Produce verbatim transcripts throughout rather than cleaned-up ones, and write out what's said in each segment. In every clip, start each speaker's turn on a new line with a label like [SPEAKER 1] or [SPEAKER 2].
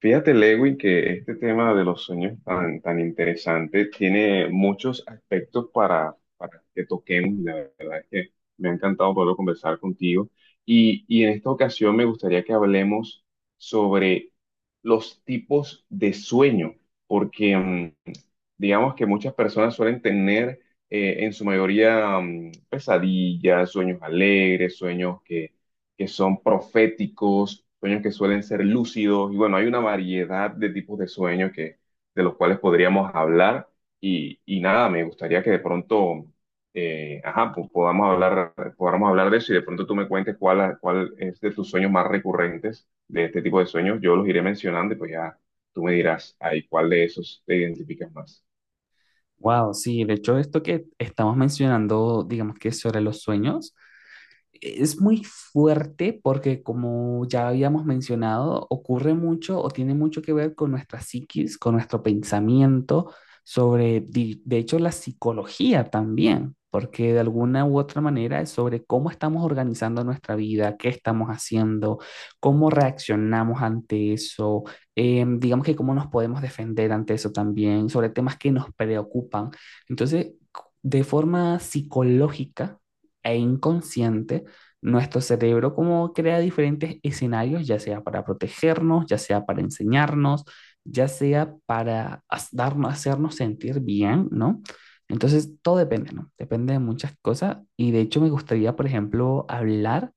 [SPEAKER 1] Fíjate, Lewin, que este tema de los sueños tan, tan interesante tiene muchos aspectos para, para que toquemos. La verdad es que me ha encantado poder conversar contigo. Y, y en esta ocasión me gustaría que hablemos sobre los tipos de sueño, porque mm, digamos que muchas personas suelen tener eh, en su mayoría mm, pesadillas, sueños alegres, sueños que que son proféticos, sueños que suelen ser lúcidos, y bueno, hay una variedad de tipos de sueños que, de los cuales podríamos hablar, y, y nada, me gustaría que de pronto, eh, ajá, pues podamos hablar, podamos hablar de eso, y de pronto tú me cuentes cuál, cuál es de tus sueños más recurrentes de este tipo de sueños, yo los iré mencionando, y pues ya tú me dirás ahí cuál de esos te identificas más.
[SPEAKER 2] Wow, sí, de hecho esto que estamos mencionando, digamos que sobre los sueños, es muy fuerte porque, como ya habíamos mencionado, ocurre mucho o tiene mucho que ver con nuestra psiquis, con nuestro pensamiento sobre, di- de hecho, la psicología también, porque de alguna u otra manera es sobre cómo estamos organizando nuestra vida, qué estamos haciendo, cómo reaccionamos ante eso, eh, digamos que cómo nos podemos defender ante eso también, sobre temas que nos preocupan. Entonces, de forma psicológica e inconsciente, nuestro cerebro como crea diferentes escenarios, ya sea para protegernos, ya sea para enseñarnos, ya sea para has- darnos, hacernos sentir bien, ¿no? Entonces, todo depende, ¿no? Depende de muchas cosas y de hecho me gustaría, por ejemplo, hablar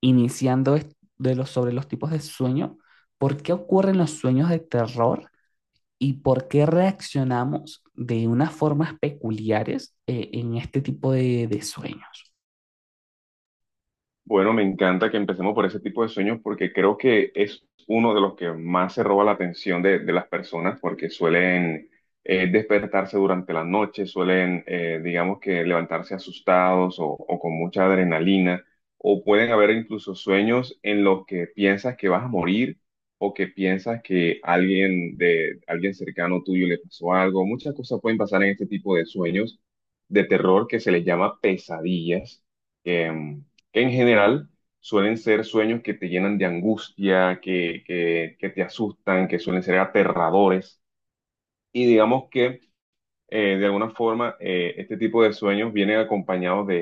[SPEAKER 2] iniciando es- de los, sobre los tipos de sueño, por qué ocurren los sueños de terror y por qué reaccionamos de unas formas peculiares eh, en este tipo de de sueños.
[SPEAKER 1] Bueno, me encanta que empecemos por ese tipo de sueños porque creo que es uno de los que más se roba la atención de, de las personas porque suelen eh, despertarse durante la noche, suelen, eh, digamos que, levantarse asustados o, o con mucha adrenalina, o pueden haber incluso sueños en los que piensas que vas a morir o que piensas que alguien de alguien cercano tuyo le pasó algo. Muchas cosas pueden pasar en este tipo de sueños de terror que se les llama pesadillas. em, que en general suelen ser sueños que te llenan de angustia, que, que, que te asustan, que suelen ser aterradores. Y digamos que eh, de alguna forma, eh, este tipo de sueños vienen acompañados de,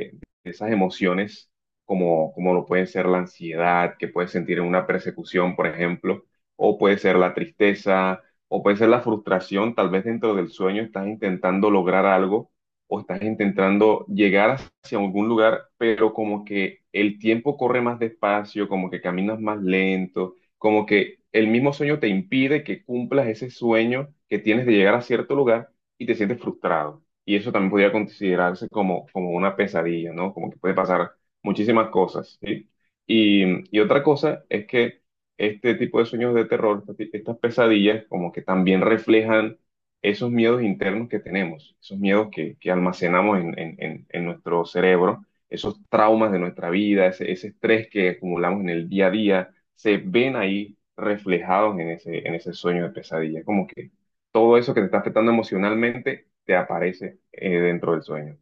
[SPEAKER 1] de esas emociones, como, como lo puede ser la ansiedad, que puedes sentir en una persecución, por ejemplo, o puede ser la tristeza, o puede ser la frustración. Tal vez dentro del sueño estás intentando lograr algo o estás intentando llegar hacia algún lugar, pero como que el tiempo corre más despacio, como que caminas más lento, como que el mismo sueño te impide que cumplas ese sueño que tienes de llegar a cierto lugar y te sientes frustrado. Y eso también podría considerarse como, como una pesadilla, ¿no? Como que puede pasar muchísimas cosas, ¿sí? Y, y otra cosa es que este tipo de sueños de terror, este ti- estas pesadillas, como que también reflejan esos miedos internos que tenemos, esos miedos que, que almacenamos en, en- en- en nuestro cerebro, esos traumas de nuestra vida, ese, ese estrés que acumulamos en el día a día, se ven ahí reflejados en ese, en ese sueño de pesadilla, como que todo eso que te está afectando emocionalmente te aparece eh, dentro del sueño.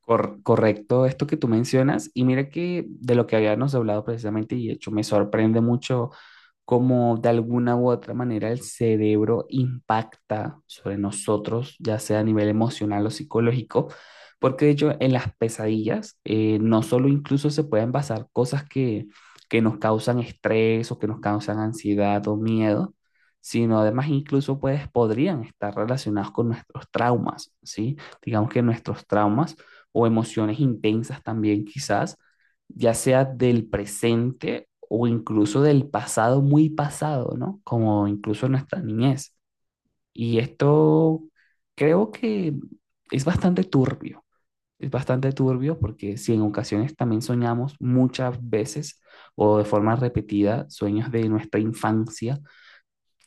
[SPEAKER 2] Cor- correcto esto que tú mencionas. Y mira que de lo que habíamos hablado precisamente, y de hecho me sorprende mucho como de alguna u otra manera el cerebro impacta sobre nosotros, ya sea a nivel emocional o psicológico, porque de hecho en las pesadillas eh, no solo incluso se pueden basar cosas que, que nos causan estrés o que nos causan ansiedad o miedo, sino además incluso pues, podrían estar relacionados con nuestros traumas, ¿sí? Digamos que nuestros traumas o emociones intensas también quizás ya sea del presente o incluso del pasado muy pasado, ¿no? Como incluso nuestra niñez. Y esto creo que es bastante turbio, es bastante turbio porque si en ocasiones también soñamos muchas veces o de forma repetida sueños de nuestra infancia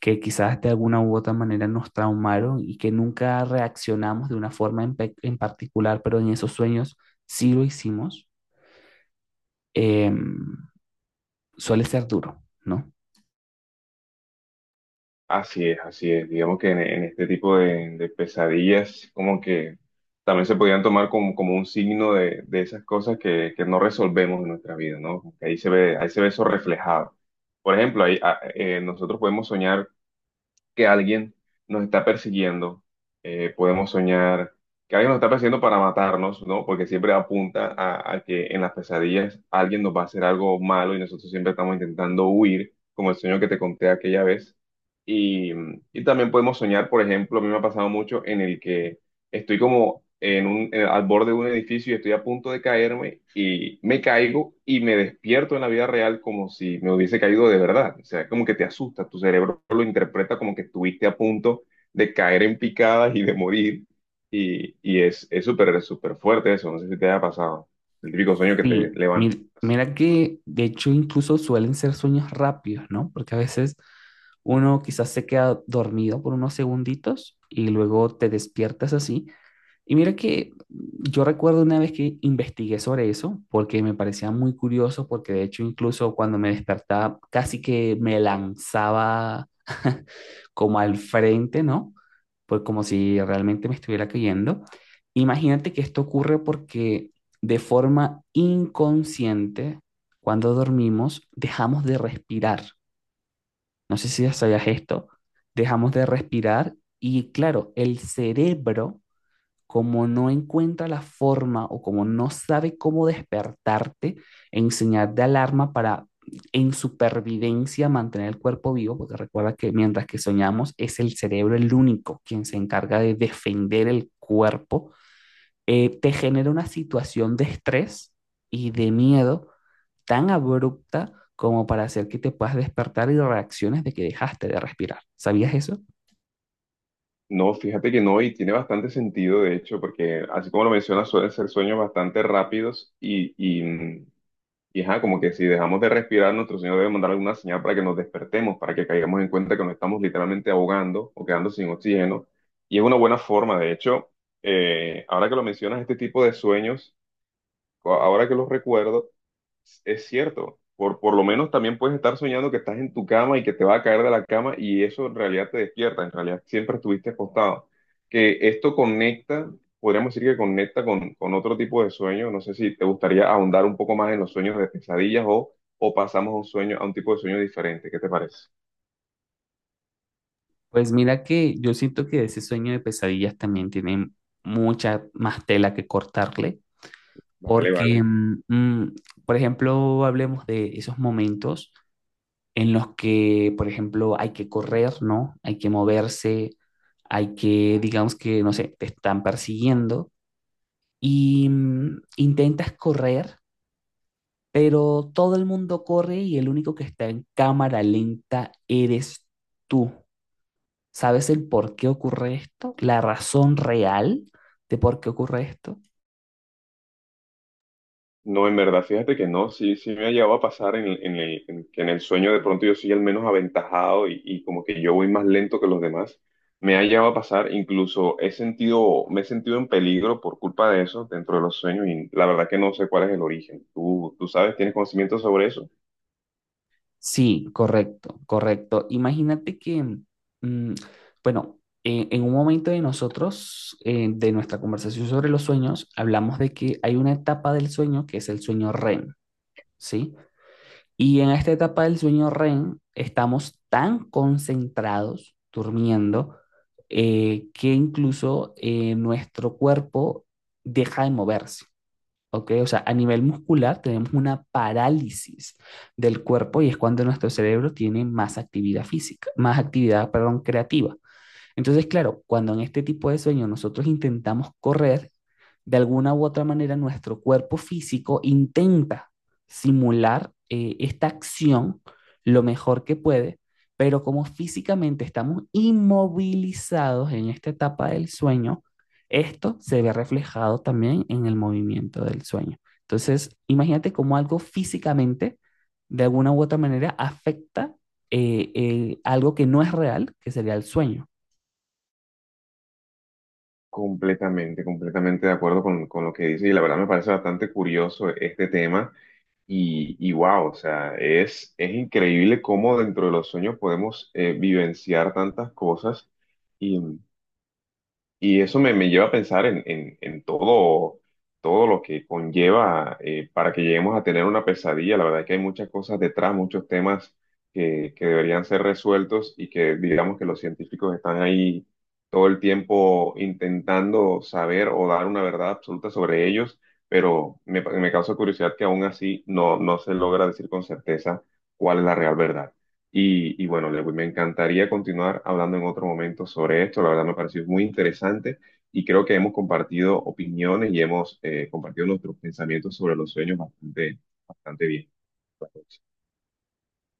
[SPEAKER 2] que quizás de alguna u otra manera nos traumaron y que nunca reaccionamos de una forma en, pe- en particular, pero en esos sueños sí lo hicimos. em, Suele ser duro, ¿no?
[SPEAKER 1] Así es, así es. Digamos que en, en este tipo de, de pesadillas, como que también se podían tomar como, como un signo de, de esas cosas que, que no resolvemos en nuestra vida, ¿no? Como que ahí se ve, ahí se ve eso reflejado. Por ejemplo, ahí, ah, eh, nosotros podemos soñar que alguien nos está persiguiendo. Eh, podemos soñar que alguien nos está persiguiendo para matarnos, ¿no? Porque siempre apunta a, a que en las pesadillas alguien nos va a hacer algo malo y nosotros siempre estamos intentando huir, como el sueño que te conté aquella vez. Y, y también podemos soñar, por ejemplo, a mí me ha pasado mucho en el que estoy como en un, en- al borde de un edificio y estoy a punto de caerme y me caigo y me despierto en la vida real como si me hubiese caído de verdad. O sea, como que te asusta, tu cerebro lo interpreta como que estuviste a punto de caer en picadas y de morir. Y, y es, es súper, súper fuerte eso, no sé si te haya pasado. El típico sueño que te
[SPEAKER 2] Sí, mi-
[SPEAKER 1] levantas.
[SPEAKER 2] mira que de hecho incluso suelen ser sueños rápidos, ¿no? Porque a veces uno quizás se queda dormido por unos segunditos y luego te despiertas así. Y mira que yo recuerdo una vez que investigué sobre eso porque me parecía muy curioso porque de hecho incluso cuando me despertaba casi que me lanzaba como al frente, ¿no? Pues como si realmente me estuviera cayendo. Imagínate que esto ocurre porque de forma inconsciente, cuando dormimos, dejamos de respirar. No sé si ya sabías esto. Dejamos de respirar y claro, el cerebro como no encuentra la forma o como no sabe cómo despertarte en señal de alarma para en supervivencia mantener el cuerpo vivo, porque recuerda que mientras que soñamos es el cerebro el único quien se encarga de defender el cuerpo, eh, te genera una situación de estrés y de miedo tan abrupta como para hacer que te puedas despertar y reacciones de que dejaste de respirar. ¿Sabías eso?
[SPEAKER 1] No, fíjate que no, y tiene bastante sentido, de hecho, porque así como lo mencionas, suelen ser sueños bastante rápidos y, y, mm, y ajá, como que si dejamos de respirar, nuestro Señor debe mandar alguna señal para que nos despertemos, para que caigamos en cuenta que nos estamos literalmente ahogando o quedando sin oxígeno. Y es una buena forma, de hecho, eh, ahora que lo mencionas, este tipo de sueños, co- ahora que los recuerdo, es cierto, por, por lo menos también puedes estar soñando que estás en tu cama y que te va a caer de la cama y eso en realidad te despierta, en realidad siempre estuviste acostado. Que esto conecta, podríamos decir que conecta con, con otro tipo de sueño, no sé si te gustaría ahondar un poco más en los sueños de pesadillas o, o pasamos a un sueño, a un tipo de sueño diferente, ¿qué te parece?
[SPEAKER 2] Pues mira que yo siento que ese sueño de pesadillas también tiene mucha más tela que cortarle,
[SPEAKER 1] Vale,
[SPEAKER 2] porque,
[SPEAKER 1] vale.
[SPEAKER 2] mm, mm, por ejemplo, hablemos de esos momentos en los que, por ejemplo, hay que correr, ¿no? Hay que moverse, hay que, digamos que, no sé, te están persiguiendo y mm, intentas correr, pero todo el mundo corre y el único que está en cámara lenta eres tú. ¿Sabes el por qué ocurre esto? ¿La razón real de por qué ocurre esto?
[SPEAKER 1] No, en verdad, fíjate que no, sí, sí me ha llegado a pasar en, en el, en que en el sueño de pronto yo soy el menos aventajado y, y como que yo voy más lento que los demás. Me ha llegado a pasar, incluso he sentido, me he sentido en peligro por culpa de eso dentro de los sueños y la verdad que no sé cuál es el origen. ¿Tú, tú sabes, tienes conocimiento sobre eso?
[SPEAKER 2] Sí, correcto, correcto. Imagínate que, mm, bueno, eh, en un momento de nosotros, eh, de nuestra conversación sobre los sueños, hablamos de que hay una etapa del sueño que es el sueño R E M, ¿sí? Y en esta etapa del sueño R E M estamos tan concentrados durmiendo eh, que incluso eh, nuestro cuerpo deja de moverse. ¿Ok? O sea, a nivel muscular tenemos una parálisis del cuerpo y es cuando nuestro cerebro tiene más actividad física, más actividad, perdón, creativa. Entonces, claro, cuando en este tipo de sueño nosotros intentamos correr, de alguna u otra manera nuestro cuerpo físico intenta simular eh, esta acción lo mejor que puede, pero como físicamente estamos inmovilizados en esta etapa del sueño, esto se ve reflejado también en el movimiento del sueño. Entonces, imagínate cómo algo físicamente, de alguna u otra manera, afecta eh, eh, algo que no es real, que sería el sueño.
[SPEAKER 1] Completamente, completamente de acuerdo con, con lo que dices y la verdad me parece bastante curioso este tema. Y, y wow, o sea, es, es increíble cómo dentro de los sueños podemos eh, vivenciar tantas cosas. Y eso me, me lleva a pensar en, en- en todo, todo lo que conlleva eh, para que lleguemos a tener una pesadilla. La verdad es que hay muchas cosas detrás, muchos temas que, que deberían ser resueltos y que digamos que los científicos están ahí todo el tiempo intentando saber o dar una verdad absoluta sobre ellos, pero me, me causa curiosidad que aún así no, no se logra decir con certeza cuál es la real verdad. Y, y bueno, Lewin, me encantaría continuar hablando en otro momento sobre esto. La verdad me pareció muy interesante y creo que hemos compartido opiniones y hemos eh, compartido nuestros pensamientos sobre los sueños bastante, bastante bien.